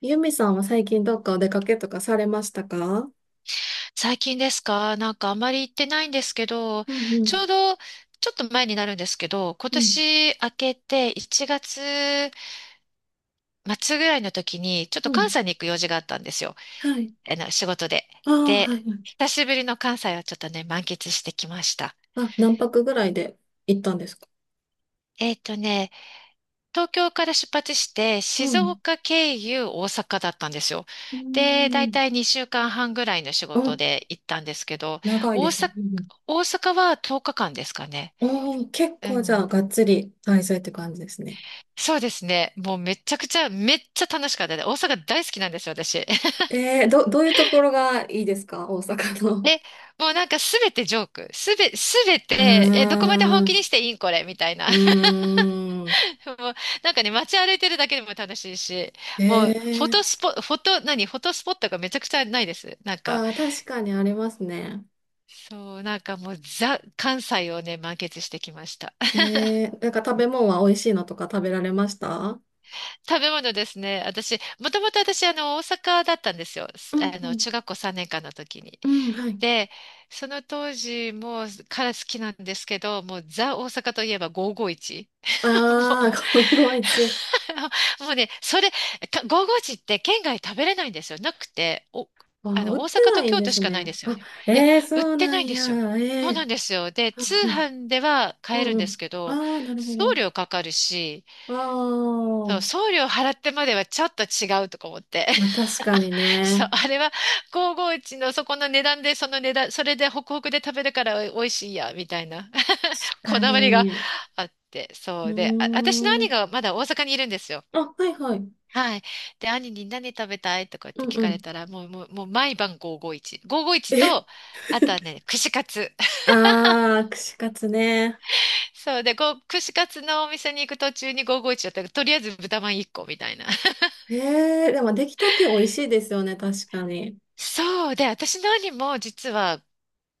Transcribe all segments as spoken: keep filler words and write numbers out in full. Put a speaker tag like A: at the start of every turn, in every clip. A: ゆみさんは最近どっかお出かけとかされましたか？
B: 最近ですか？なんかあまり行ってないんですけど、
A: うんう
B: ちょう
A: ん、
B: どちょっと前になるんですけど、今
A: うん、
B: 年明けていちがつ末ぐらいの時に、ちょっ
A: う
B: と関
A: ん。
B: 西に行く用事があったんですよ。
A: はい。
B: あの仕事で。
A: ああ、は
B: で、
A: い。はい。
B: 久しぶりの関西をちょっとね、満喫してきました。
A: あ、何泊ぐらいで行ったんですか？
B: えっとね、東京から出発して、
A: う
B: 静
A: ん。
B: 岡経由大阪だったんですよ。
A: うー
B: で、だい
A: ん。
B: たいにしゅうかんはんぐらいの仕事
A: あ、
B: で行ったんですけど、
A: 長い
B: 大
A: です
B: 阪、
A: ね。うんうん。
B: 大阪はとおかかんですかね。
A: ああ、結
B: う
A: 構じゃあ、
B: ん。
A: がっつり滞在って感じですね。
B: そうですね。もうめちゃくちゃ、めっちゃ楽しかったです。大阪大好きなんですよ、私。
A: えー、ど、どういうところがいいですか大阪の？
B: で、もうなんかすべてジョーク。すべ、すべ
A: あ
B: て、え、
A: ー。
B: どこまで本気
A: ん、
B: にしていいんこれ、みたいな。
A: うーん。
B: もう、なんかね、街歩いてるだけでも楽しいし、
A: え
B: もう、フォ
A: ー、
B: トスポ、フォト、何、フォトスポットがめちゃくちゃないです。なんか、
A: あー、確かにありますね。
B: そう、なんかもう、ザ、関西をね、満喫してきました。
A: えー、なんか食べ物は美味しいのとか食べられました？
B: 食べ物ですね。私、もともと私、あの、大阪だったんですよ。
A: うん
B: あ
A: う
B: の、
A: ん
B: 中学校さんねんかんの時に。
A: うん、はい。
B: で、その当時もから好きなんですけど、もうザ大阪といえばごーごーいち。も
A: ああ、ごーごーいち。
B: う、もうね、それ、かごーごーいちって県外食べれないんですよ。なくて、お、
A: あ
B: あ
A: ー、
B: の、
A: 売っ
B: 大
A: て
B: 阪
A: な
B: と
A: いん
B: 京
A: で
B: 都し
A: す
B: かないん
A: ね。
B: ですよ
A: あ、
B: ね。いや、
A: ええー
B: 売っ
A: そう
B: て
A: な
B: ないん
A: ん
B: ですよ。
A: や。え
B: そうな
A: え
B: ん
A: ー。
B: ですよ。で、通
A: うん
B: 販では
A: う
B: 買えるん
A: ん。うんう
B: です
A: ん。
B: けど、
A: ああ、なるほ
B: 送
A: ど。
B: 料かかるし、
A: あ
B: そう、
A: あ、
B: 送料払ってまではちょっと違うとか思って。
A: まあ確かに
B: そう、
A: ね。
B: あれはごーごーいちのそこの値段で、その値段、それでホクホクで食べるから美味しいや、みたいな。
A: 確
B: こ
A: か
B: だわりが
A: に。
B: あって、
A: う
B: そうで、あ、私の
A: ー
B: 兄
A: ん。
B: がまだ大阪にいるんですよ。
A: あ、はいはい。
B: はい。で、兄に何食べたいとかって
A: うん
B: 聞
A: う
B: かれ
A: ん。
B: たら、もう、もう、もう毎晩ごーごーいち。ごーごーいち
A: え。
B: と、あとはね、串カツ。
A: ああ、串カツね。
B: そうで、こ串カツのお店に行く途中にごーごーいちだったら、とりあえず豚まんいっこみたいな。
A: ええ、でも出来たて美味しいですよね、確かに。
B: そうで、私の兄も実は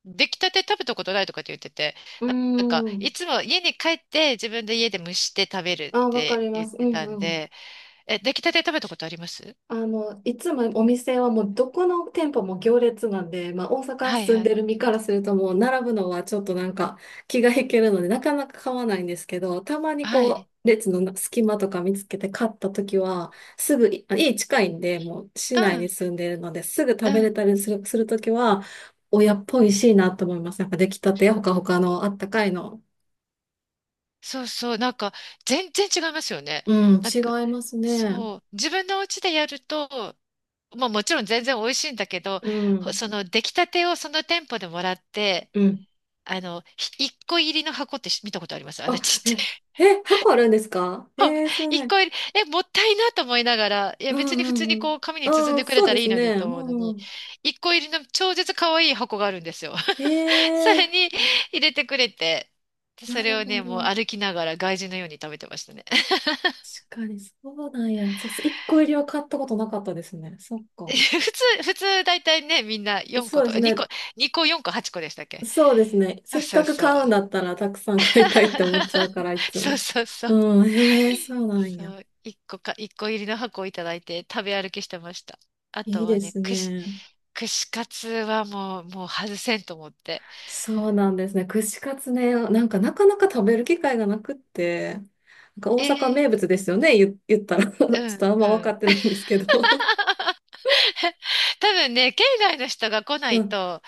B: 出来たて食べたことないとかって言ってて、
A: うー
B: ななんか、
A: ん。
B: いつも家に帰って自分で家で蒸して食べるっ
A: あ、わか
B: て
A: りま
B: 言っ
A: す。う
B: てたん
A: ん。
B: で、え、出来たて食べたことあります？
A: あの、いつもお店はもうどこの店舗も行列なんで、まあ大阪
B: はい
A: 住ん
B: は
A: で
B: い。
A: る身からするともう並ぶのはちょっとなんか気が引けるのでなかなか買わないんですけど、たまに
B: は
A: こ
B: い。
A: う列の隙間とか見つけて買った時はすぐい、い家近いんでもう市
B: う
A: 内
B: ん、
A: に住んでるのですぐ
B: う
A: 食べれ
B: ん。
A: たりする、する時は親っぽいしいなと思います。なんか出来たてやほかほかのあったかいの。
B: そうそう。なんか、全然違いますよね。
A: うん、
B: なん
A: 違
B: か、
A: いますね。
B: そう。自分のお家でやると、まあもちろん全然美味しいんだけど、
A: う
B: ほ
A: ん、
B: その出来たてをその店舗でもらって、
A: うん。
B: あの、ひ一個入りの箱ってし見たことあります？あの
A: あ、
B: ちっちゃ
A: え、
B: い。
A: え、箱あるんですか？えー、そう
B: 一
A: ね。
B: 個入り、え、もったいなと思いながら、いや
A: う
B: 別に普
A: ん
B: 通に
A: うんう
B: こ
A: ん。
B: う紙に包ん
A: ああ、
B: でくれ
A: そう
B: た
A: で
B: らい
A: す
B: いの
A: ね。
B: にと
A: う
B: 思うの
A: んう
B: に、
A: ん。
B: 一個入りの超絶可愛い箱があるんですよ。
A: へ
B: それ
A: え、
B: に入れてくれて、でそ
A: な
B: れ
A: る
B: を
A: ほ
B: ね、もう
A: ど。
B: 歩きながら外人のように食べてましたね。
A: 確かに、そうなんや。そう、一個入りは買ったことなかったですね。そっ
B: 普
A: か。
B: 通、普通大体ね、みんな4
A: そ
B: 個
A: うで
B: と、
A: す
B: 2
A: ね。
B: 個、にこよんこはっこでしたっけ？
A: そうですね。
B: あ
A: せっ
B: そう
A: かく
B: そう。
A: 買うんだったら、たくさん買いたいって思っちゃう から、いつ
B: そう
A: も。
B: そうそう。
A: うん、へえ、そうなんや。
B: そう、いっこか、いっこ入りの箱をいただいて食べ歩きしてました。あ
A: い
B: と
A: い
B: は
A: で
B: ね、
A: す
B: 串、
A: ね。
B: 串カツはもう、もう外せんと思って。
A: そうなんですね。串カツね、なんかなかなか食べる機会がなくって、なんか
B: え
A: 大阪
B: ー
A: 名物ですよね、言、言ったら。ちょ
B: う
A: っと
B: ん
A: あん
B: う
A: ま分か
B: ん。
A: ってないんですけど。
B: 多分ね、県外の人が来 な
A: う
B: い
A: ん。
B: と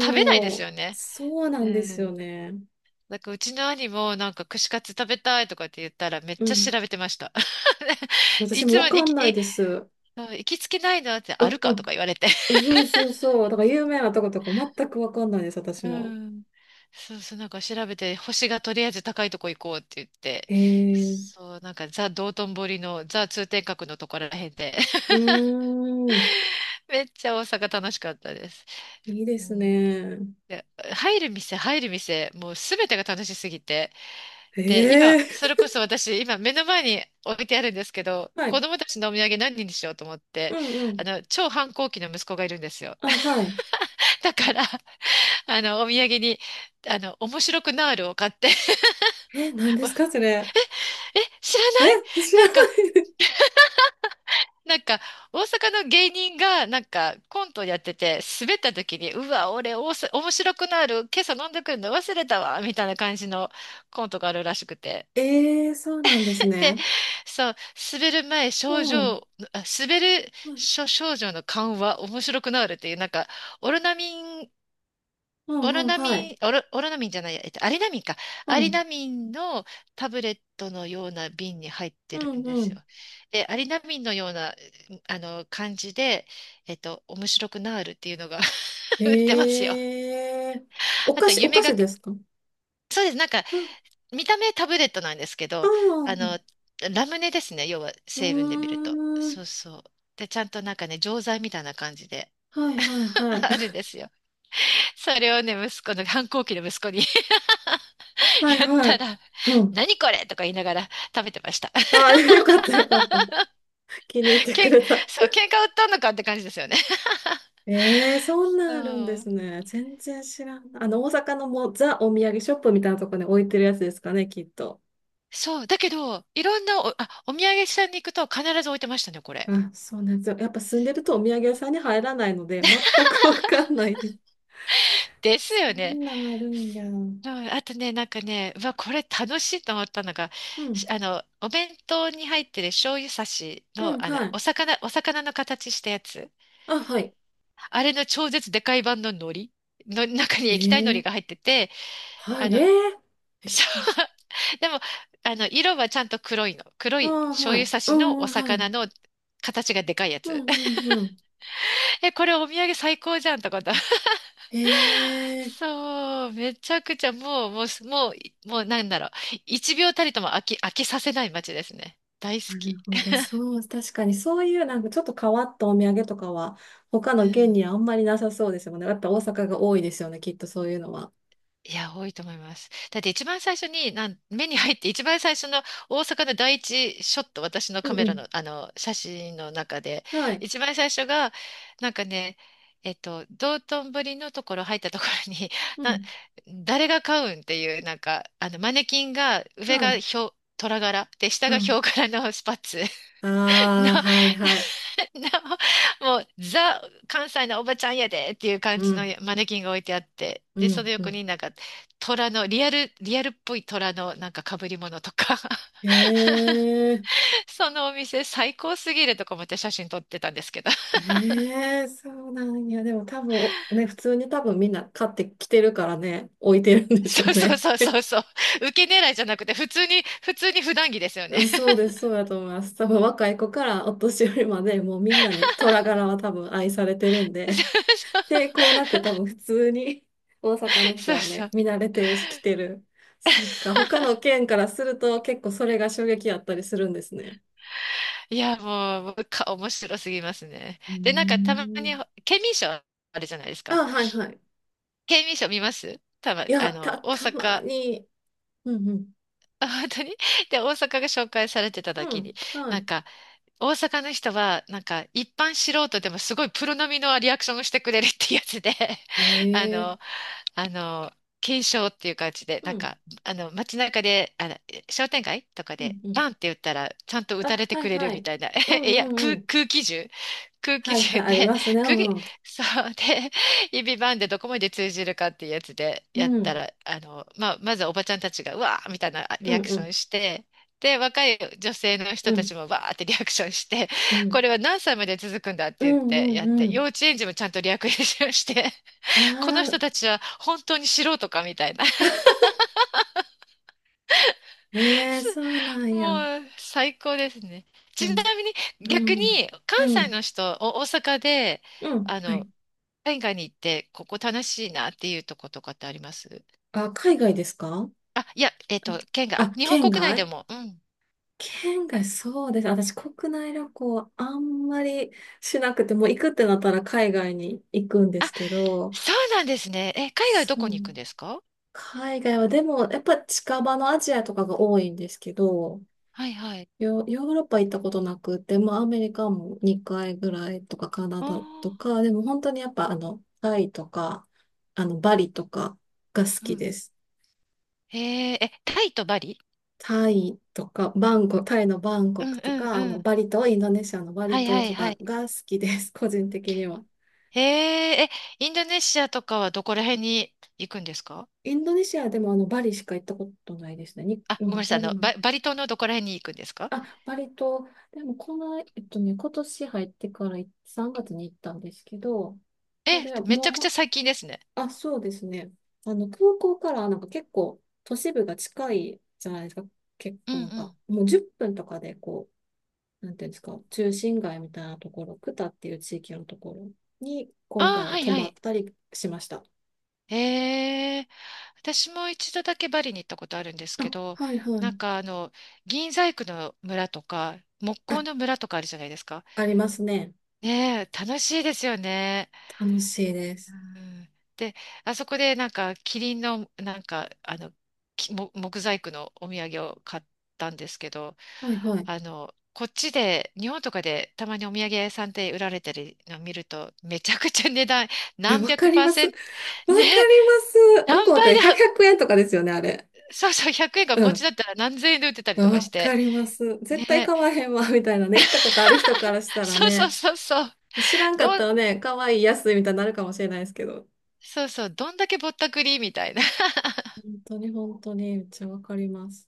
B: 食べないです
A: う、
B: よね。
A: そうな
B: う
A: んですよ
B: ん。
A: ね。
B: だからうちの兄もなんか串カツ食べたいとかって言ったらめっ
A: う
B: ちゃ調
A: ん。
B: べてました。
A: そう、
B: い
A: 私も
B: つも
A: わ
B: 行
A: かん
B: き、
A: ない
B: い
A: です。う、
B: うん、行きつけないのってある
A: う
B: かと
A: ん。
B: か言われて。
A: そうそうそう。だから有名なとことか全くわかんないです、私
B: う
A: も。
B: ん。そうそう、なんか調べて、星がとりあえず高いとこ行こうって言って、
A: へえ。う
B: そう、なんかザ・道頓堀のザ・通天閣のところらへんで、
A: ーん。
B: めっちゃ大阪楽しかったです。
A: いいで
B: う
A: す
B: ん、
A: ね。
B: で、入る店、入る店、もうすべてが楽しすぎて。
A: へ
B: で、今、
A: え。
B: それこそ私、今目の前に置いてあるんですけど、
A: は
B: 子
A: い。
B: 供たちのお土産何にしようと思っ
A: う
B: て、
A: んう
B: あ
A: ん。
B: の、超反抗期の息子がいるんですよ。
A: あ、はい。
B: だから、あの、お土産に、あの、面白くなーるを買って、
A: え、何ですか、それ？
B: え、知らな
A: え、
B: い？
A: 知
B: な
A: ら
B: ん
A: な
B: か、
A: い。
B: なんか、大阪の芸人が、なんか、コントやってて、滑った時に、うわ、俺、おさ、面白くなる、今朝飲んでくるの忘れたわ、みたいな感じのコントがあるらしくて。
A: ええ、そうなんです
B: で、
A: ね。
B: そう、滑る前、症
A: うん。
B: 状、あ、滑る
A: はい。
B: 症、症状の緩和、面白くなるっていう、なんか、オロナミン
A: うん
B: オロ
A: うん、
B: ナ
A: は
B: ミ
A: い。
B: ン、オロ、オロナミンじゃないや、えっと、アリナミンか。
A: う
B: アリ
A: ん。
B: ナミンのタブレットのような瓶に入っ
A: う
B: てるん
A: ん
B: で
A: う
B: す
A: ん。
B: よ。で、アリナミンのような、あの、感じで、えっと、面白くなーるっていうのが 売ってますよ。
A: ええ。お
B: あ
A: 菓
B: と、
A: 子、お
B: 夢
A: 菓
B: が、
A: 子ですか？
B: そうです。なんか、見た目タブレットなんですけ
A: あ
B: ど、あ
A: あ、
B: の、ラムネですね。要は、
A: う
B: 成分で見ると。
A: ーん。
B: そうそう。で、ちゃんとなんかね、錠剤みたいな感じで
A: はいはいは い。
B: あるんですよ。それをね、息子の、反抗期の息子に
A: は い
B: やっ
A: は
B: た
A: い。
B: ら、
A: うん。
B: 何これとか言いながら食べてました。
A: ああ、よかったよかった。気に入っ てく
B: けん、
A: れた。
B: そう、喧嘩売ったのかって感じですよね。
A: ええ、そん
B: う
A: なんあるんで
B: ん。
A: すね。全然知らん。あの、大阪のもうザお土産ショップみたいなところに置いてるやつですかね、きっと。
B: そう、だけど、いろんなお、あ、お土産屋さんに行くと必ず置いてましたね、これ。
A: あ、そうなんですよ。やっぱ住んでるとお土産屋さんに入らないので、全くわかんないで
B: です
A: す。そ
B: よね。
A: んなんあるんや。うん。
B: うんあとね、なんかね、うわ、これ楽しいと思ったのが、し
A: う
B: あの、お弁当に入ってる醤油差し
A: ん、
B: の、あの、
A: はい。
B: お魚、お魚の形したやつ。
A: あ、はい。
B: あれの超絶でかい版の海苔の中に液体海苔
A: え
B: が
A: え、
B: 入ってて、
A: は
B: あ
A: い。え
B: の、
A: え。 液
B: そ
A: 体。
B: うでも、あの、色はちゃんと黒いの。黒
A: あ
B: い
A: あ、
B: 醤
A: は
B: 油
A: い。
B: 差
A: う
B: し
A: ん、
B: の
A: うん
B: お
A: はい。
B: 魚の形がでかいや
A: う
B: つ。
A: んう んうん。
B: え、これお土産最高じゃんとかだ。
A: へ え。
B: そう、めちゃくちゃもう、もう、もう、もうなんだろう。一秒たりとも飽き、飽きさせない街ですね。大好
A: な
B: き。
A: るほど。そう、確かにそういうなんかちょっと変わったお土産とかは他
B: う
A: の県
B: ん。
A: にはあんまりなさそうですよね。だって大阪が多いですよね、きっとそういうのは。
B: いや、多いと思います。だって一番最初に、なん、目に入って一番最初の大阪の第一ショット、私の
A: う
B: カ
A: ん
B: メ
A: う
B: ラ
A: ん。
B: の、あの、写真の中で、
A: はい。
B: 一番最初が、なんかね、えっと、道頓堀のところ入ったところに、
A: う
B: な、
A: ん。
B: 誰が買うんっていう、なんか、あの、マネキンが、上
A: は
B: が
A: い。
B: ヒョウ、虎柄で、下
A: う
B: がヒ
A: ん。
B: ョウ柄のスパッツ の、
A: ああ、はいはい。
B: なもう、ザ、関西のおばちゃんやでっていう感
A: う
B: じの
A: ん。
B: マネキンが置いてあって、
A: う
B: で、その
A: んう
B: 横
A: ん。
B: になんか、虎の、リアル、リアルっぽい虎のなんか被り物とか、
A: へえ。
B: そのお店最高すぎるとか思って写真撮ってたんですけど。
A: へえ、そうなんや。でも多分、ね、普通に多分みんな買ってきてるからね、置いてるん でしょ
B: そ
A: う
B: うそう
A: ね。
B: そうそうそう。受け狙いじゃなくて、普通に、普通に普段着ですよね。
A: そうです、そうだと思います。多分若い子からお年寄りまでもうみんなに虎柄は多分愛されてるんで、抵 抗なく多分普通に大阪の人
B: そうそう。そう
A: は
B: そ
A: ね、見
B: う
A: 慣れてるし来てる。そっか、他の県からすると結構それが衝撃やったりするんですね。
B: いや、もう、もうか面白すぎますね。
A: うー
B: で、なんかたまに、
A: ん。
B: 県民賞あるじゃないですか。
A: あ、はいはい。
B: 県民賞見ます？たま、
A: いや、
B: あの、
A: た、
B: 大
A: たま
B: 阪、
A: に。うんうん。
B: あ、本当に。 で、大阪が紹介されてた
A: う
B: 時
A: ん、
B: に、な
A: は
B: んか、大阪の人は、なんか、一般素人でもすごいプロ並みのリアクションをしてくれるってやつで、
A: い。
B: あ
A: へえ。
B: の、あの、検証っていう感じで、
A: う
B: なん
A: ん、
B: か、あの、街中で、あの、商店街とか
A: う
B: で、
A: ん、うん。
B: バンって打ったら、ちゃんと打
A: あ、
B: たれて
A: は
B: く
A: い
B: れる
A: は
B: み
A: い。
B: たいな。
A: うん
B: い
A: う
B: や、
A: んう
B: 空、
A: ん。
B: 空気銃空気
A: はいはい、
B: 銃
A: あり
B: で、
A: ますね。う
B: 空気、
A: んうん。
B: そうで、指バンでどこまで通じるかっていうやつでや
A: う
B: った
A: ん、
B: ら、あの、まあ、まずはおばちゃんたちが、うわーみたいなリ
A: う
B: ア
A: ん
B: ク
A: う
B: ション
A: ん。
B: して、で、若い女性の
A: う
B: 人た
A: ん、
B: ちもわーってリアクションして、
A: うん、
B: これは何歳まで続くんだって
A: う
B: 言って
A: ん、う
B: やっ
A: ん、う
B: て、幼
A: ん。
B: 稚園児もちゃんとリアクションして、この
A: あ
B: 人
A: あ。
B: たちは本当に素人かみたいな。
A: ええ、
B: す
A: そうなんや。
B: もう最高ですね。
A: で
B: ち
A: も、
B: なみに逆
A: うん、
B: に関
A: う
B: 西
A: ん、
B: の人、お大阪で、
A: うん、
B: あ
A: はい。
B: の、県外に行って、ここ楽しいなっていうとことかってあります？
A: あ、海外ですか？
B: あ、いや、えっと、県外、
A: あ、
B: あ、
A: あ
B: 日本
A: 県
B: 国内で
A: 外
B: も。うん。
A: 県外、そうです。私、国内旅行はあんまりしなくて、もう行くってなったら海外に行くんで
B: あ、
A: すけど、
B: そうなんですね。え、海外どこ
A: そう。
B: に行くんですか？
A: 海外は、でも、やっぱ近場のアジアとかが多いんですけど、
B: はいはい。
A: ヨ、ヨーロッパ行ったことなくて、まあアメリカもにかいぐらいとかカナ
B: おー、
A: ダとか、でも本当にやっぱあの、タイとか、あの、バリとかが好
B: う
A: き
B: ん。
A: です。
B: へえ、え、タイとバリ？
A: タイとか、バンコク、タイのバン
B: う
A: コ
B: ん
A: ク
B: う
A: と
B: ん
A: か、
B: う
A: あの、
B: ん。
A: バリ島、インドネシアのバ
B: は
A: リ
B: いは
A: 島
B: い
A: と
B: は
A: か
B: い。
A: が好きです、個人的には。
B: へえ、え、インドネシアとかはどこら辺に行くんですか？
A: インドネシアでもあの、バリしか行ったことないですね。に、
B: あ、
A: う
B: ごめんな
A: ん、
B: さい。
A: バ
B: あの、
A: リ、
B: バ、バリ島のどこら辺に行くんですか？
A: あ、バリ島、でもこの、えっとね、今年入ってからさんがつに行ったんですけど、そ
B: え、
A: れは
B: め
A: も
B: ち
A: う。
B: ゃくちゃ
A: ほ
B: 最近ですね。
A: あ、そうですね。あの、空港からなんか結構都市部が近いじゃないですか。結
B: うんう
A: 構なんか、
B: ん。
A: もうじゅっぷんとかでこう、なんていうんですか、中心街みたいなところ、クタっていう地域のところに
B: あ
A: 今
B: あ、
A: 回は
B: はい
A: 泊
B: は
A: まっ
B: い。
A: たりしました。
B: ええ、私も一度だけバリに行ったことあるんですけ
A: あ、
B: ど、
A: はいは
B: なん
A: い。
B: かあの、銀細工の村とか、木
A: あ、
B: 工の村とかあるじゃないですか。
A: ありますね。
B: ねえ、楽しいですよね。
A: 楽しいで
B: う
A: す。
B: んで、あそこでなんかキリンのなんかあのきも木細工のお土産を買ったんですけど、
A: はいはい。
B: あのこっちで日本とかでたまにお土産屋さんで売られてるのを見るとめちゃくちゃ値段
A: え、
B: 何百
A: わか
B: パ
A: り
B: ー
A: ます。
B: セ
A: わか
B: ン
A: り
B: トね
A: ます。向
B: 何
A: こうっ
B: 倍
A: て
B: だ
A: ひゃく、円とかですよね、あれ。
B: そうそうひゃくえんが
A: う
B: こっち
A: ん。
B: だったら何千円で売ってたりとかし
A: わか
B: て
A: ります。絶対
B: ね
A: 買わへんわ、みたいなね。行ったことある人からしたら
B: そうそう
A: ね。
B: そうそう
A: 知らんかっ
B: どん
A: たらね、かわいい、安いみたいになるかもしれないですけど。
B: そうそうどんだけぼったくりみたいな。
A: 本当に本当に、めっちゃわかります。